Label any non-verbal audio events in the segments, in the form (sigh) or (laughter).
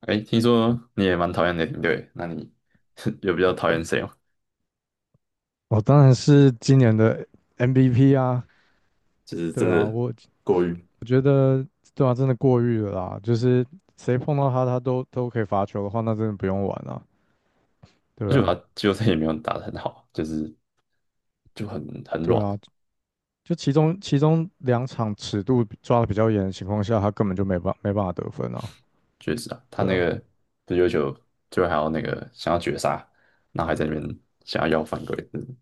哎，听说你也蛮讨厌雷霆队，那你 (laughs) 有比较讨厌谁吗？我当然是今年的 MVP 啊。就是真对啊，的我过于，我觉得。对啊，真的过誉了啦，就是谁碰到他，他都可以罚球的话，那真的不用玩了。而对且啊。他季后赛也没有打得很好，就是就很对软。啊，就其中两场尺度比抓的比较严的情况下，他根本就没办法得分啊。确实啊，他对那啊，个这要球最后还要那个想要绝杀，然后还在那边想要犯规，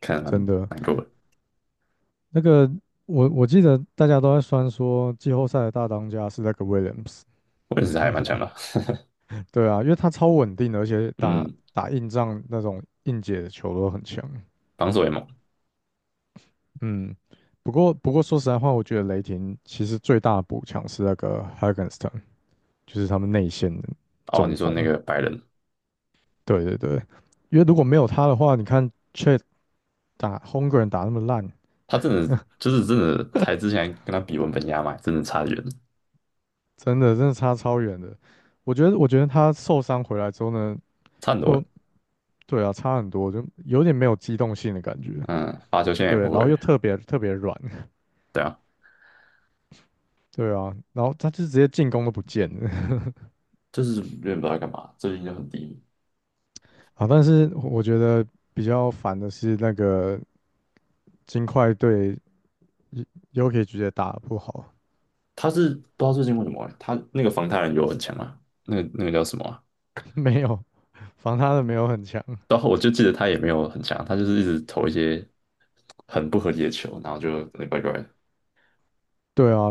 看得蛮真的。难过的。那个我记得大家都在酸说季后赛的大当家是那个 Williams。我识他还蛮强的。对啊，因为他超稳定的，而且打嗯，打硬仗那种硬解的球都很强。防守也猛。嗯。不过说实在话，我觉得雷霆其实最大的补强是那个 Hagenston，就是他们内线的哦，中你说锋。那个白人，对对对，因为如果没有他的话，你看 Chet 打 Holmgren 打那么烂，他真的就是真的，才之前跟他比文本压嘛，真的差得远，真的差超远的。我觉得他受伤回来之后呢，差很多欸。就对啊，差很多，就有点没有机动性的感觉。嗯，罚球线也对，不然会，后又特别特别软，(laughs) 对啊。对啊，然后他就直接进攻都不见了 就是有点不知道在干嘛，最近就很低迷。(laughs) 啊。但是我觉得比较烦的是那个金块队又可以直接打得不好。他是不知道最近为什么欸他那个防他人有很强啊，那个叫什么啊。 (laughs) 没有，防他的没有很强。然后我就记得他也没有很强，他就是一直投一些很不合理的球，然后就有点怪怪的对啊，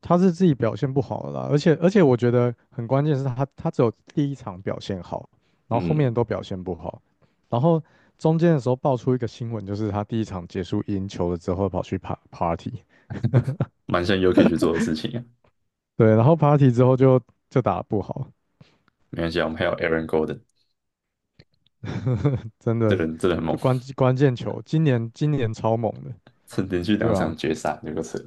他是自己表现不好了啦，而且我觉得很关键是他只有第一场表现好，然后后面嗯，都表现不好，然后中间的时候爆出一个新闻，就是他第一场结束赢球了之后跑去 party，蛮像 UK 去做的事情啊。对，然后 party 之后就打得不好。没关系啊，我们还有 Aaron Gorden 真这的人真的很猛，就关键球，今年超猛的。曾连续对2场吧？决赛，有个扯，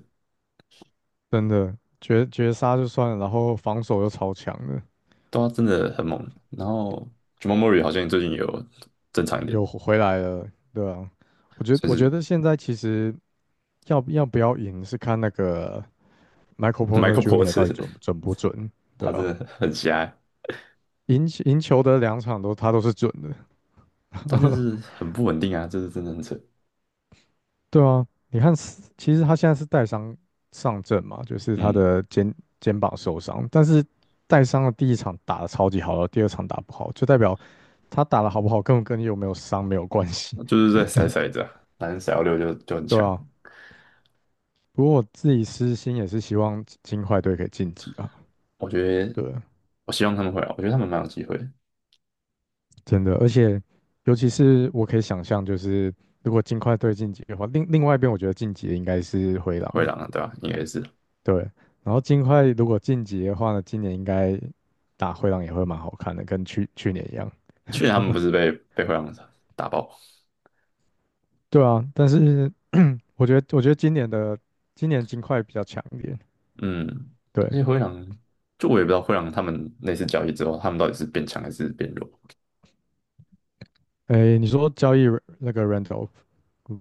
真的绝杀就算了，然后防守又超强的。都真的很猛。然后 Jamal Murray 好像最近也有正常一点，有回来了。对啊，我觉算我觉是 得现在其实要不要赢是看那个 Michael Porter Michael Jr. 到底 Porter，准不准，(laughs) 对他啊，真的很瞎，赢球的两场都他都是准的。但就是很不稳定啊，这是真的很扯。对啊，你看斯，其实他现在是带伤上阵嘛，就是他嗯，的肩膀受伤，但是带伤的第一场打得超级好了，第二场打不好，就代表他打得好不好根本跟你有没有伤没有关系。就是在甩骰子啊，反正甩到六就很对强。啊。不过我自己私心也是希望金块队可以晋级啊。我觉得，对。我希望他们会啊，我觉得他们蛮有机会的。真的，而且尤其是我可以想象，就是如果金块对晋级的话，另外一边我觉得晋级的应该是灰灰狼。狼啊，对吧，应该是对。然后金块如果晋级的话呢，今年应该打灰狼也会蛮好看的，跟去年一样。去年他们不是被灰狼打爆。对啊，但是我觉得今年金块比较强一点。嗯，而对。且灰狼，就我也不知道灰狼他们那次交易之后，他们到底是变强还是变弱，诶，你说交易 那个 Randolph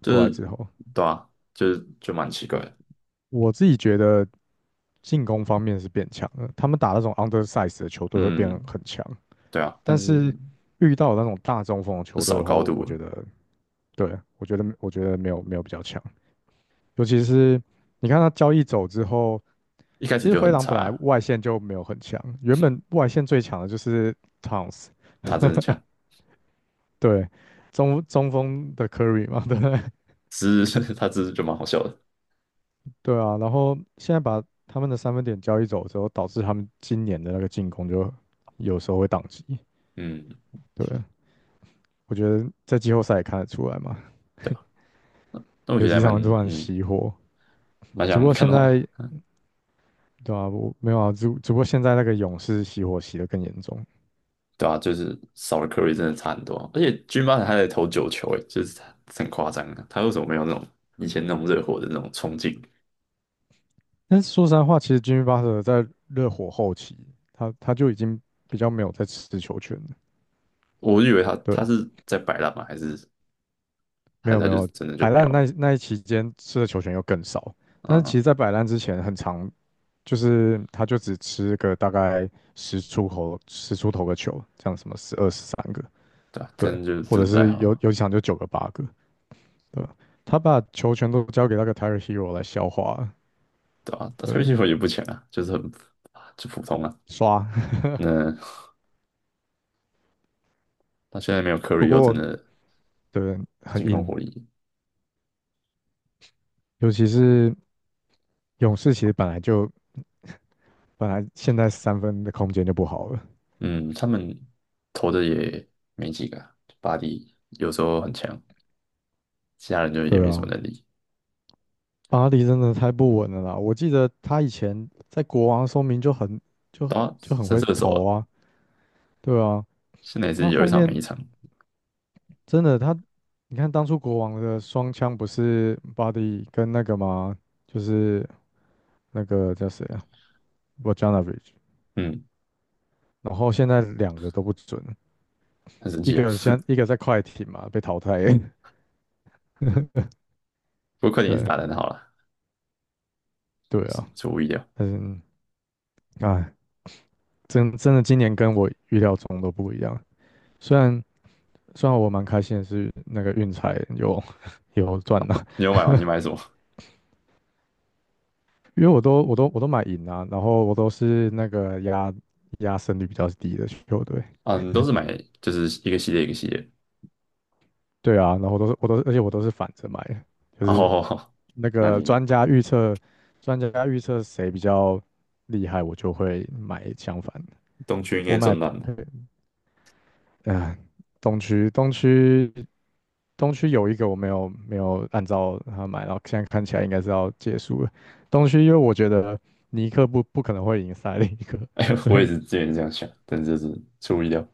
就过来之是后，对啊，就是就蛮奇怪的。我自己觉得进攻方面是变强了，他们打那种 undersize 的球队会变得嗯，很强。对啊，但但是是遇到那种大中锋的就球队少的话，高度我觉了，得，对，我觉得没有比较强。尤其是你看他交易走之后，一开其始实就灰很狼本来差，外线就没有很强，原本外线最强的就是 Towns。他真的强，对，中锋的 Curry 嘛，(laughs) 对不对？(laughs) 只是 (laughs) 他只是就蛮好笑的。对啊，然后现在把他们的三分点交易走之后，导致他们今年的那个进攻就有时候会宕机。嗯，对，我觉得在季后赛也看得出来嘛，对吧，那我觉有得几还蛮场突然嗯熄火。蛮只不想过看现到在的，对啊，我没有啊，只不过现在那个勇士熄火熄得更严重。对啊，就是少了 Curry 真的差很多啊，而且 Jimmy b 在投9球，诶，就是很夸张啊，他为什么没有那种以前那种热火的那种冲劲？但是说实在话，其实 Jimmy Butler 在热火后期，他就已经比较没有在吃球权了。我以为他对，是在摆烂嘛，还是没还有是他没就有，真的就摆没有烂那了？那一期间吃的球权又更少。但是其嗯，实，在摆烂之前，很长就是他就只吃个大概十出头个球，这样什么12、13个。对啊，对，真的就或真者的不太是有好，有几场就9个8个。对吧？他把球权都交给那个 Tyler Hero 来消化了。对啊，但他运对。气也不强啊，就是很啊就普通啊。刷。那他现在没有 Curry 不又真过的对很进攻火硬，力，尤其是勇士其实本来现在三分的空间就不好了。嗯，他们投的也没几个啊，巴黎有时候很强，其他人就也对没什么啊，能力。巴黎真的太不稳了啦。我记得他以前在国王说明就很就很打就很神会射手啊，投啊。对啊，现在也他是有一后场没一面场。真的他，你看当初国王的双枪不是巴黎跟那个吗？就是那个叫谁啊 Bojanovic 嗯，然后现在两个都不准，很神一奇啊。个先一个在快艇嘛被淘汰，不过快 (laughs) 点也是对打得很好了，对也是啊。出乎意料。嗯，啊，真的今年跟我预料中都不一样。虽然虽然我蛮开心的是那个运彩有 (laughs) 有赚了。你有买吗？你买什么？因为我都买赢啊，然后我都是那个压胜率比较低的球队。啊，你都是买就是一个系列一个系列。对啊，然后我都是我都是而且我都是反着买的，就是哦，那 (laughs) 那个你专家预测谁比较厉害，我就会买相反的。东区应该我买赚烂了。(laughs) 呃，东区东区东区有一个我没有按照他买，然后现在看起来应该是要结束了。东区因为我觉得尼克不可能会赢塞利克，哎，所我也以 是之前这样想，但是就是出乎意料。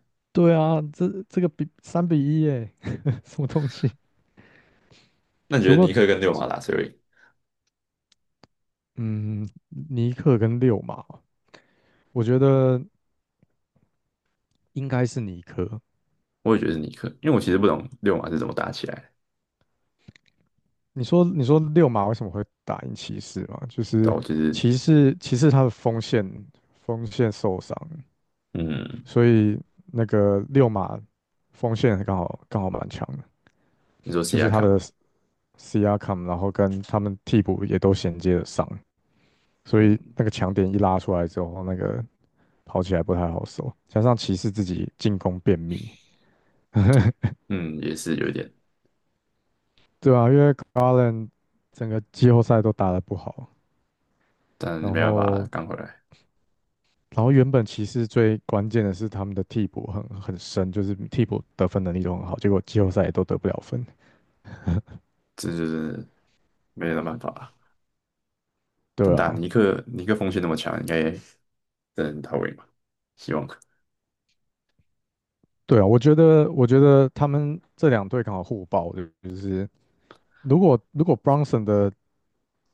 (laughs) 对啊，这个比3-1耶，(laughs) 什么东西？那你只觉不得尼过克跟六马打谁会赢？嗯，尼克跟六马，我觉得应该是尼克。我也觉得是尼克，因为我其实不懂六马是怎么打起来的。你说六马为什么会打赢骑士嘛？就但是我其实，骑士他的锋线受伤，嗯，所以那个六马锋线刚好蛮强的，你说西就是亚他卡嘛，的 C R c k a m 然后跟他们替补也都衔接的上，所以嗯那个强点一拉出来之后，那个跑起来不太好守，加上骑士自己进攻便秘。嗯，也是有一点，对啊，因为 Garland 整个季后赛都打得不好，但然没办法，后刚回来，然后原本骑士最关键的是他们的替补很深，就是替补得分能力都很好，结果季后赛也都得不了分。这就是没有办法。但对打啊。尼克，尼克锋线那么强，应该真的很到位嘛？希望，对啊，我觉得，他们这两队刚好互爆，就是如果 Brunson 的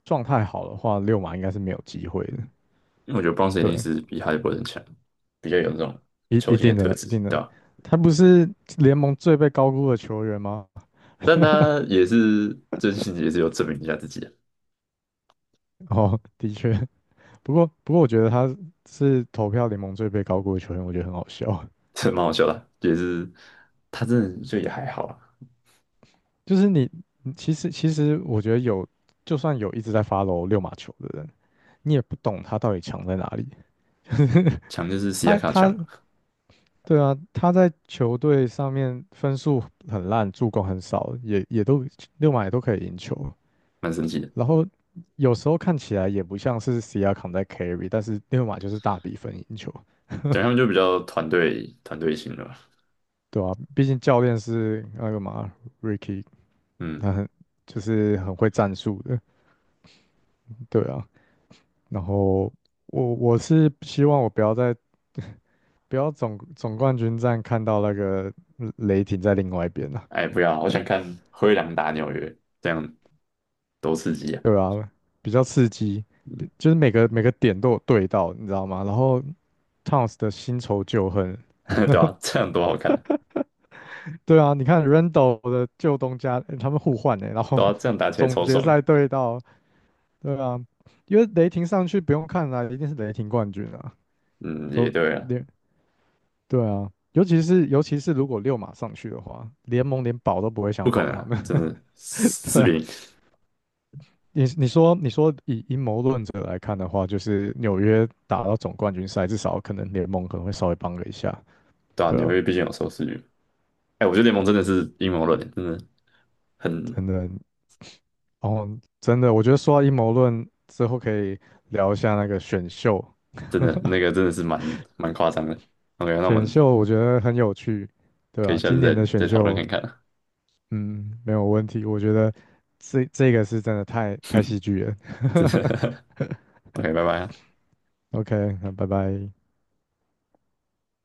状态好的话，六马应该是没有机会的。因为我觉得 Bounce 一定对，是比哈利波特强，比较有那种一球一星的定特的，一质，定对的。吧？他不是联盟最被高估的球员吗？但他也是真心也是有证明一下自己啊，(laughs) 哦，的确。不过，我觉得他是投票联盟最被高估的球员，我觉得很好笑。这蛮好笑的啊也是他真的就也还好啊，就是你其实我觉得有，就算有一直在 f o 六马球的人，你也不懂他到底强在哪里。强就是 (laughs) 西亚他卡他强，对啊，他在球队上面分数很烂，助攻很少，也都六马也都可以赢球。蛮神奇的。然后有时候看起来也不像是 c R 扛在 carry，但是六马就是大比分赢球。讲他们就比较团队团队型的吧。对啊，毕竟教练是那个嘛 Ricky，嗯，他很就是很会战术的。对啊。然后我是希望我不要在不要总冠军战看到那个雷霆在另外一边啊。哎，不要，我想看灰狼打纽约，这样多刺激啊，对啊，比较刺激，就是每个点都有对到，你知道吗？然后 Towns 的新仇旧恨。(laughs) 对吧，啊这样多好看啊，对啊，你看 Randall 的旧东家，他们互换哎。然后 对啊，这样打 (laughs) 起来总超决爽。赛对到。对啊，因为雷霆上去不用看了啊，一定是雷霆冠军啊。嗯，也有对啊。连，对啊，尤其是如果六马上去的话，联盟连保都不会不想可保能他啊，们。真的 (laughs) 四对比啊。零，你说以阴谋论者来看的话，就是纽约打到总冠军赛，至少可能联盟可能会稍微帮了一下。对啊，对纽啊，约毕竟有收视率。哎，我觉得联盟真的是阴谋论，真的很真的。哦，真的，我觉得说到阴谋论之后，可以聊一下那个选秀。真的那个真的是蛮夸张的。OK，那我选们秀我觉得很有趣。对可以啊，下今次再年的选再讨论秀。看看啊，嗯，没有问题，我觉得这个是真的太戏剧了 真 (laughs) 的。(laughs) OK，拜拜啊，OK，那拜拜。